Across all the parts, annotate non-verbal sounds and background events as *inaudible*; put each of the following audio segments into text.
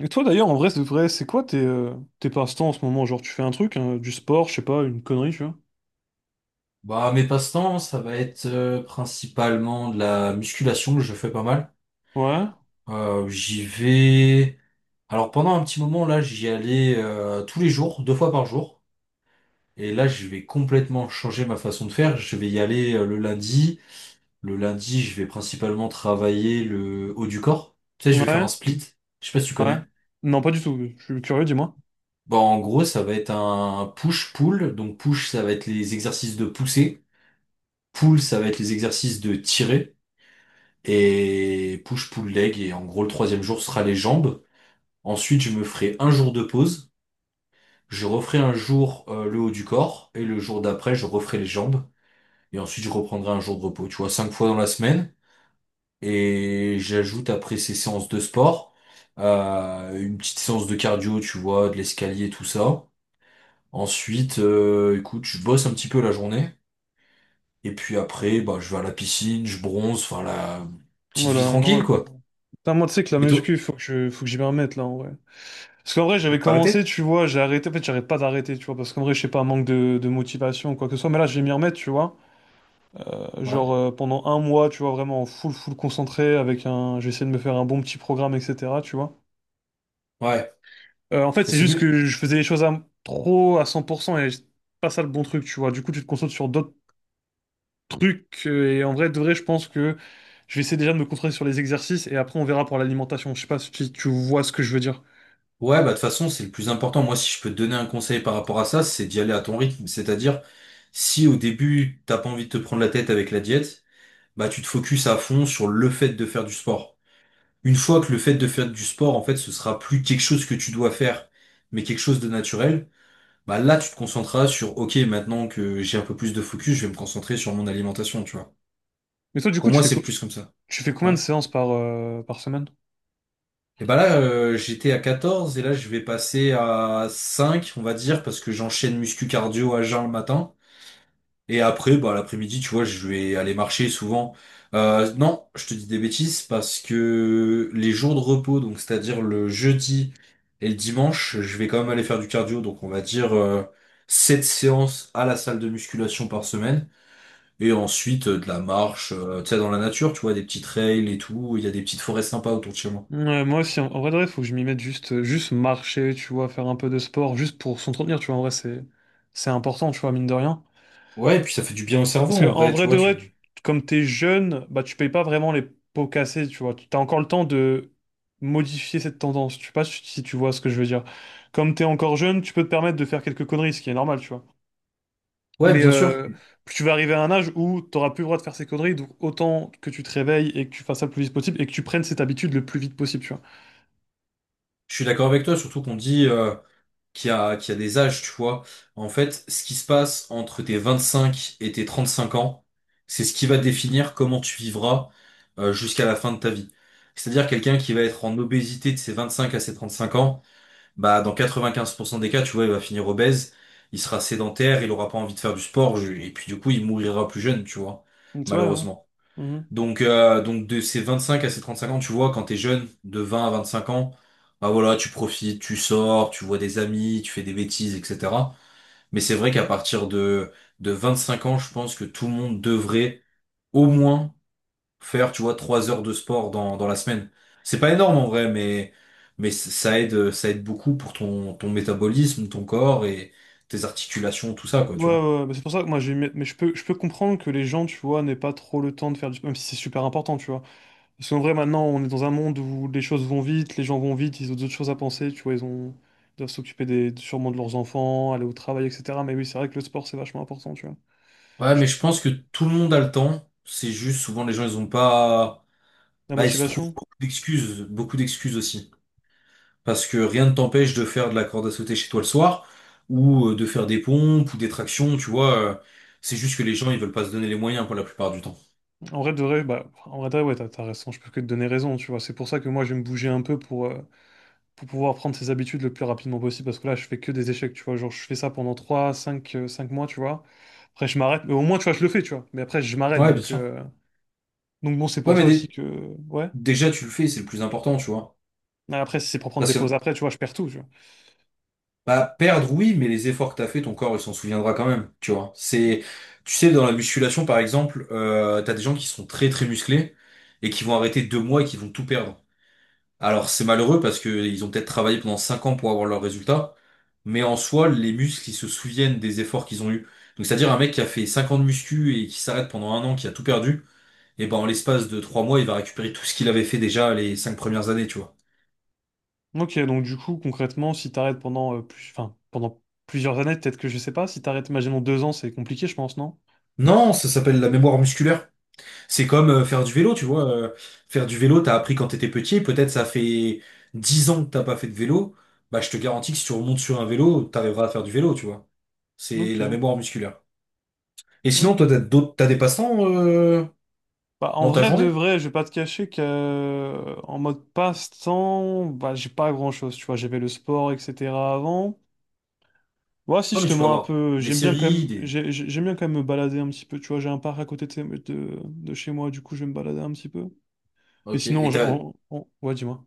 Et toi d'ailleurs, en vrai, c'est quoi tes, tes passe-temps en ce moment? Genre, tu fais un truc, hein, du sport, je sais pas, une connerie, tu vois? Bah, mes passe-temps, ça va être principalement de la musculation que je fais pas mal. Ouais, J'y vais. Alors pendant un petit moment là, j'y allais tous les jours, 2 fois par jour. Et là, je vais complètement changer ma façon de faire. Je vais y aller le lundi. Le lundi, je vais principalement travailler le haut du corps. Tu sais, je vais faire ouais, un split. Je sais pas si tu ouais. connais. Non, pas du tout. Je suis curieux, dis-moi. Bon, en gros, ça va être un push-pull. Donc push, ça va être les exercices de pousser. Pull, ça va être les exercices de tirer. Et push pull leg, et en gros le troisième jour sera les jambes. Ensuite je me ferai un jour de pause, je referai un jour le haut du corps, et le jour d'après je referai les jambes, et ensuite je reprendrai un jour de repos. Tu vois, 5 fois dans la semaine, et j'ajoute après ces séances de sport une petite séance de cardio, tu vois, de l'escalier, tout ça. Ensuite, écoute, je bosse un petit peu la journée et puis après bah je vais à la piscine, je bronze, enfin la petite vie Voilà, tranquille normal quoi. quoi. Putain, moi, tu sais que la Et toi? muscu, faut que j'y me remette là, en vrai. Parce qu'en vrai, j'avais commencé, Arrêtez? tu vois, j'ai arrêté. En fait, j'arrête pas d'arrêter, tu vois, parce qu'en vrai, je sais pas, manque de motivation ou quoi que ce soit. Mais là, je vais m'y remettre, tu vois. Genre, Ouais. Pendant un mois, tu vois, vraiment full concentré avec un. J'ai essayé de me faire un bon petit programme, etc., tu vois. Ouais. En fait, Mais c'est c'est juste mieux. que je faisais les choses à, trop à 100% et c'est pas ça le bon truc, tu vois. Du coup, tu te concentres sur d'autres trucs et en vrai, de vrai, je pense que je vais essayer déjà de me concentrer sur les exercices et après, on verra pour l'alimentation. Je sais pas si tu vois ce que je veux dire. Ouais, bah de toute façon, c'est le plus important. Moi, si je peux te donner un conseil par rapport à ça, c'est d'y aller à ton rythme. C'est-à-dire, si au début, t'as pas envie de te prendre la tête avec la diète, bah tu te focuses à fond sur le fait de faire du sport. Une fois que le fait de faire du sport, en fait, ce sera plus quelque chose que tu dois faire, mais quelque chose de naturel, bah là, tu te concentreras sur, OK, maintenant que j'ai un peu plus de focus, je vais me concentrer sur mon alimentation, tu vois. Mais toi, du coup, Pour moi, c'est plus comme ça. tu fais combien de Ouais. séances par, par semaine? Et bah là, j'étais à 14, et là, je vais passer à 5 on va dire, parce que j'enchaîne muscu cardio à jeun le matin. Et après, bah, l'après-midi, tu vois, je vais aller marcher souvent. Non, je te dis des bêtises parce que les jours de repos, donc c'est-à-dire le jeudi et le dimanche, je vais quand même aller faire du cardio. Donc on va dire 7 séances à la salle de musculation par semaine. Et ensuite, de la marche, tu sais, dans la nature, tu vois, des petits trails et tout. Il y a des petites forêts sympas autour de chez moi. Ouais, moi aussi, en vrai, de vrai, faut que je m'y mette juste, juste marcher, tu vois, faire un peu de sport, juste pour s'entretenir, tu vois. C'est important, tu vois, mine de rien. Ouais, et puis ça fait du bien au cerveau Parce que en en vrai, tu vrai de vois, vrai, tu... comme t'es jeune, bah tu payes pas vraiment les pots cassés, tu vois. T'as encore le temps de modifier cette tendance. Je sais pas si tu vois ce que je veux dire. Comme t'es encore jeune, tu peux te permettre de faire quelques conneries, ce qui est normal, tu vois. Ouais, Mais bien sûr. Tu vas arriver à un âge où t'auras plus le droit de faire ces conneries, donc autant que tu te réveilles et que tu fasses ça le plus vite possible et que tu prennes cette habitude le plus vite possible, tu vois. Je suis d'accord avec toi, surtout qu'on dit qu'il y a des âges, tu vois. En fait, ce qui se passe entre tes 25 et tes 35 ans, c'est ce qui va définir comment tu vivras jusqu'à la fin de ta vie. C'est-à-dire quelqu'un qui va être en obésité de ses 25 à ses 35 ans, bah dans 95% des cas, tu vois, il va finir obèse, il sera sédentaire, il aura pas envie de faire du sport, et puis du coup, il mourira plus jeune, tu vois, Donc, tu Ouais. malheureusement. Mhm. Donc de ces 25 à ces 35 ans, tu vois, quand t'es jeune, de 20 à 25 ans, bah voilà, tu profites, tu sors, tu vois des amis, tu fais des bêtises, etc. Mais c'est vrai qu'à partir de 25 ans, je pense que tout le monde devrait au moins faire, tu vois, 3 heures de sport dans, dans la semaine. C'est pas énorme en vrai, mais ça aide beaucoup pour ton métabolisme, ton corps et tes articulations, tout ça, quoi, Ouais, tu vois. ouais, ouais, bah, c'est pour ça que moi j'ai mais je peux comprendre que les gens, tu vois, n'aient pas trop le temps de faire du, même si c'est super important, tu vois, parce qu'en vrai maintenant on est dans un monde où les choses vont vite, les gens vont vite, ils ont d'autres choses à penser, tu vois, ils doivent s'occuper des, sûrement, de leurs enfants, aller au travail, etc. Mais oui, c'est vrai que le sport, c'est vachement important, tu vois. Ouais, Je- mais je pense que tout le monde a le temps. C'est juste, souvent les gens, ils ont pas. la Bah, il se trouve motivation. Beaucoup d'excuses aussi. Parce que rien ne t'empêche de faire de la corde à sauter chez toi le soir, ou de faire des pompes ou des tractions, tu vois. C'est juste que les gens, ils veulent pas se donner les moyens pour la plupart du temps. En vrai de vrai, ouais, t'as raison, je peux que te donner raison, tu vois. C'est pour ça que moi je vais me bouger un peu pour pouvoir prendre ses habitudes le plus rapidement possible, parce que là je fais que des échecs, tu vois, genre je fais ça pendant 3 5 5 mois, tu vois, après je m'arrête. Mais au moins, tu vois, je le fais, tu vois, mais après je m'arrête. Ouais, bien donc sûr. euh, donc bon, c'est Ouais, pour mais ça aussi dé- que ouais. déjà, tu le fais, c'est le plus important, tu vois. Mais après, si c'est pour prendre Parce des pauses que, après, tu vois, je perds tout, tu vois. bah, perdre, oui, mais les efforts que t'as fait, ton corps, il s'en souviendra quand même, tu vois. C'est, tu sais, dans la musculation, par exemple, t'as des gens qui sont très, très musclés et qui vont arrêter 2 mois et qui vont tout perdre. Alors c'est malheureux parce que ils ont peut-être travaillé pendant 5 ans pour avoir leurs résultats, mais en soi, les muscles, ils se souviennent des efforts qu'ils ont eus. Donc c'est-à-dire un mec qui a fait 5 ans de muscu et qui s'arrête pendant 1 an, qui a tout perdu, et ben en l'espace de 3 mois, il va récupérer tout ce qu'il avait fait déjà les 5 premières années, tu vois. Ok, donc du coup, concrètement, si t'arrêtes pendant, pendant plusieurs années, peut-être que, je sais pas, si t'arrêtes, imaginons deux ans, c'est compliqué, je pense, non? Non, ça s'appelle la mémoire musculaire. C'est comme faire du vélo, tu vois. Faire du vélo, t'as appris quand t'étais petit, peut-être ça fait 10 ans que t'as pas fait de vélo, bah je te garantis que si tu remontes sur un vélo, t'arriveras à faire du vélo, tu vois. C'est Ok, la mémoire musculaire. Et ok. sinon, toi, t'as des passe-temps Bah, en dans ta vrai de journée? vrai, je vais pas te cacher que, en mode passe-temps, bah j'ai pas grand-chose, tu vois, j'avais le sport, etc. avant. Ouais, si Ouais, je mais te tu peux mens un avoir peu, des j'aime bien quand séries, même, des... j'aime bien quand même me balader un petit peu, tu vois, j'ai un parc à côté de chez moi, du coup, je vais me balader un petit peu. Mais Ok, sinon, et t'as, ouais, dis-moi.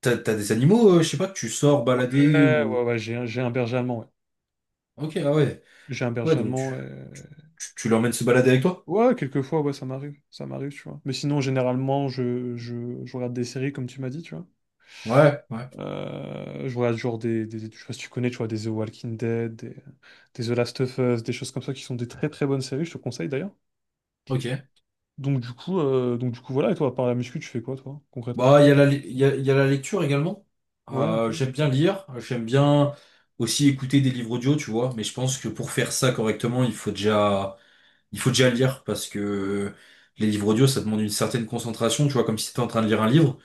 t'as, t'as des animaux, je sais pas, que tu sors Ouais, balader ouais, ou... ouais, j'ai un berger allemand, ouais. Ok, ah ouais. J'ai un Ouais, berger donc tu, allemand, et... tu, tu l'emmènes se balader avec toi? ouais, quelquefois, ouais, ça m'arrive, tu vois. Mais sinon, généralement, je regarde des séries, comme tu m'as dit, tu vois. Ouais, ouais. Je vois genre je sais pas si tu connais, tu vois, des The Walking Dead, des The Last of Us, des choses comme ça qui sont des très très bonnes séries, je te conseille d'ailleurs. Ok. Donc du coup, voilà, et toi, à part la muscu, tu fais quoi toi, concrètement? Bah, il y a la lecture également. Ouais, ok. J'aime bien lire, j'aime bien aussi écouter des livres audio, tu vois, mais je pense que pour faire ça correctement, il faut déjà lire parce que les livres audio, ça demande une certaine concentration, tu vois, comme si t'étais en train de lire un livre.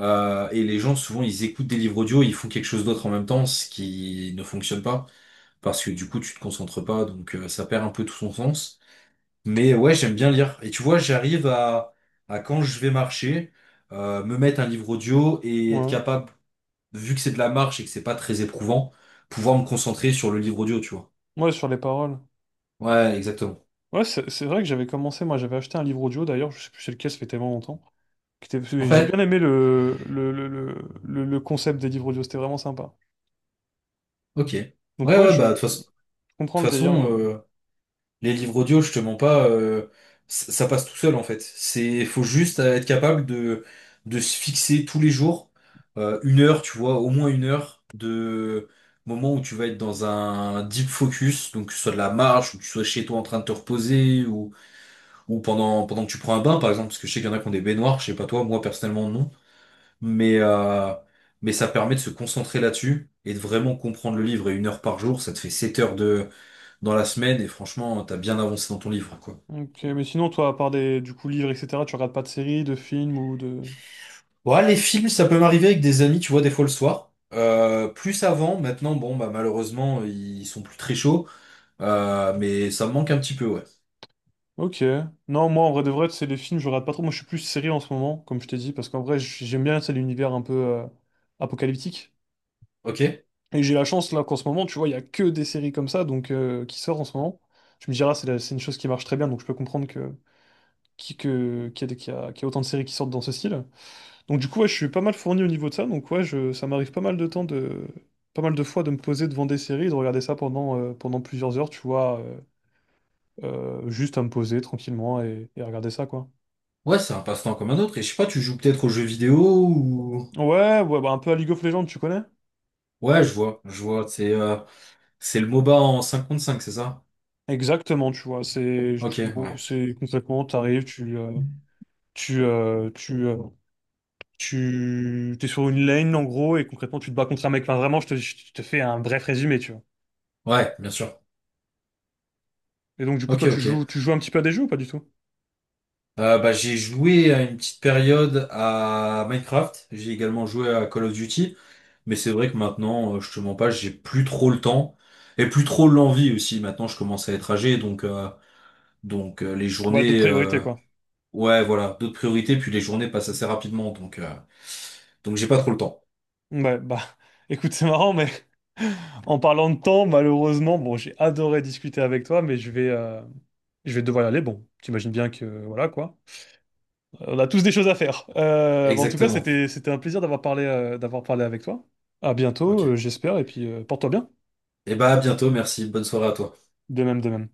Et les gens, souvent, ils écoutent des livres audio, ils font quelque chose d'autre en même temps, ce qui ne fonctionne pas, parce que du coup, tu te concentres pas, donc ça perd un peu tout son sens. Mais ouais, j'aime bien lire. Et tu vois, j'arrive à quand je vais marcher, me mettre un livre audio et être Ouais. capable, vu que c'est de la marche et que c'est pas très éprouvant, pouvoir me concentrer sur le livre audio, tu vois. Ouais, sur les paroles. Ouais, exactement. Ouais, c'est vrai que j'avais commencé, moi j'avais acheté un livre audio d'ailleurs, je sais plus c'est lequel, ça fait tellement longtemps. J'ai bien Ouais, aimé le concept des livres audio, c'était vraiment sympa. ok. Ouais, Donc ouais, ouais, je bah, de toute comprends le délire de... façon, les livres audio, je te mens pas, ça passe tout seul en fait. C'est, faut juste être capable de se fixer tous les jours 1 heure, tu vois, au moins 1 heure de moment où tu vas être dans un deep focus, donc que ce soit de la marche, ou que tu sois chez toi en train de te reposer, ou pendant que tu prends un bain par exemple, parce que je sais qu'il y en a qui ont des baignoires, je sais pas toi, moi personnellement non, mais, euh, mais ça permet de se concentrer là-dessus et de vraiment comprendre le livre. Et 1 heure par jour, ça te fait 7 heures dans la semaine et franchement, t'as bien avancé dans ton livre, quoi. Ok, mais sinon, toi, à part des, du coup, livres, etc., tu regardes pas de séries, de films ou de... Ouais, les films, ça peut m'arriver avec des amis, tu vois, des fois le soir. Plus avant, maintenant, bon, bah malheureusement, ils sont plus très chauds. Mais ça me manque un petit peu, ouais. Ok. Non, moi, en vrai de vrai, c'est les films, je regarde pas trop. Moi, je suis plus série en ce moment, comme je t'ai dit, parce qu'en vrai, j'aime bien, c'est l'univers un peu apocalyptique. Ok? Et j'ai la chance, là, qu'en ce moment, tu vois, il y a que des séries comme ça, donc qui sortent en ce moment. Je me dirais, ah, c'est une chose qui marche très bien, donc je peux comprendre que, qu'il y a, qu'il y a autant de séries qui sortent dans ce style. Donc, du coup, ouais, je suis pas mal fourni au niveau de ça, donc ouais, ça m'arrive pas mal de temps de. Pas mal de fois de me poser devant des séries et de regarder ça pendant, pendant plusieurs heures, tu vois, juste à me poser tranquillement et à regarder ça, quoi. Ouais, c'est un passe-temps comme un autre. Et je sais pas, tu joues peut-être aux jeux vidéo ou... Ouais, ouais, bah un peu à League of Legends, tu connais? Ouais, je vois, je vois. C'est le MOBA en 5 contre 5, c'est ça? Exactement, tu vois. C'est, Ok, bon, ouais. c'est concrètement, t'arrives, tu, euh, tu, euh, tu, t'es sur une lane en gros, et concrètement, tu te bats contre un mec. Enfin, vraiment, je te fais un bref résumé, tu vois. Ouais, bien sûr. Et donc, du coup, Ok, toi, ok. Tu joues un petit peu à des jeux ou pas du tout? Bah, j'ai joué à une petite période à Minecraft, j'ai également joué à Call of Duty, mais c'est vrai que maintenant, je te mens pas, j'ai plus trop le temps et plus trop l'envie aussi. Maintenant, je commence à être âgé, les Ouais, d'autres journées, priorités, quoi. ouais, voilà, d'autres priorités, puis les journées passent assez rapidement, donc j'ai pas trop le temps. Ouais, bah, *laughs* écoute, c'est marrant, mais *laughs* en parlant de temps, malheureusement, bon, j'ai adoré discuter avec toi, mais je vais devoir y aller. Bon, t'imagines bien que, voilà, quoi. On a tous des choses à faire. Bon, en tout cas, Exactement. C'était un plaisir d'avoir parlé avec toi. À bientôt, Ok. j'espère, et puis porte-toi bien. Et bah à bientôt, merci, bonne soirée à toi. De même, de même.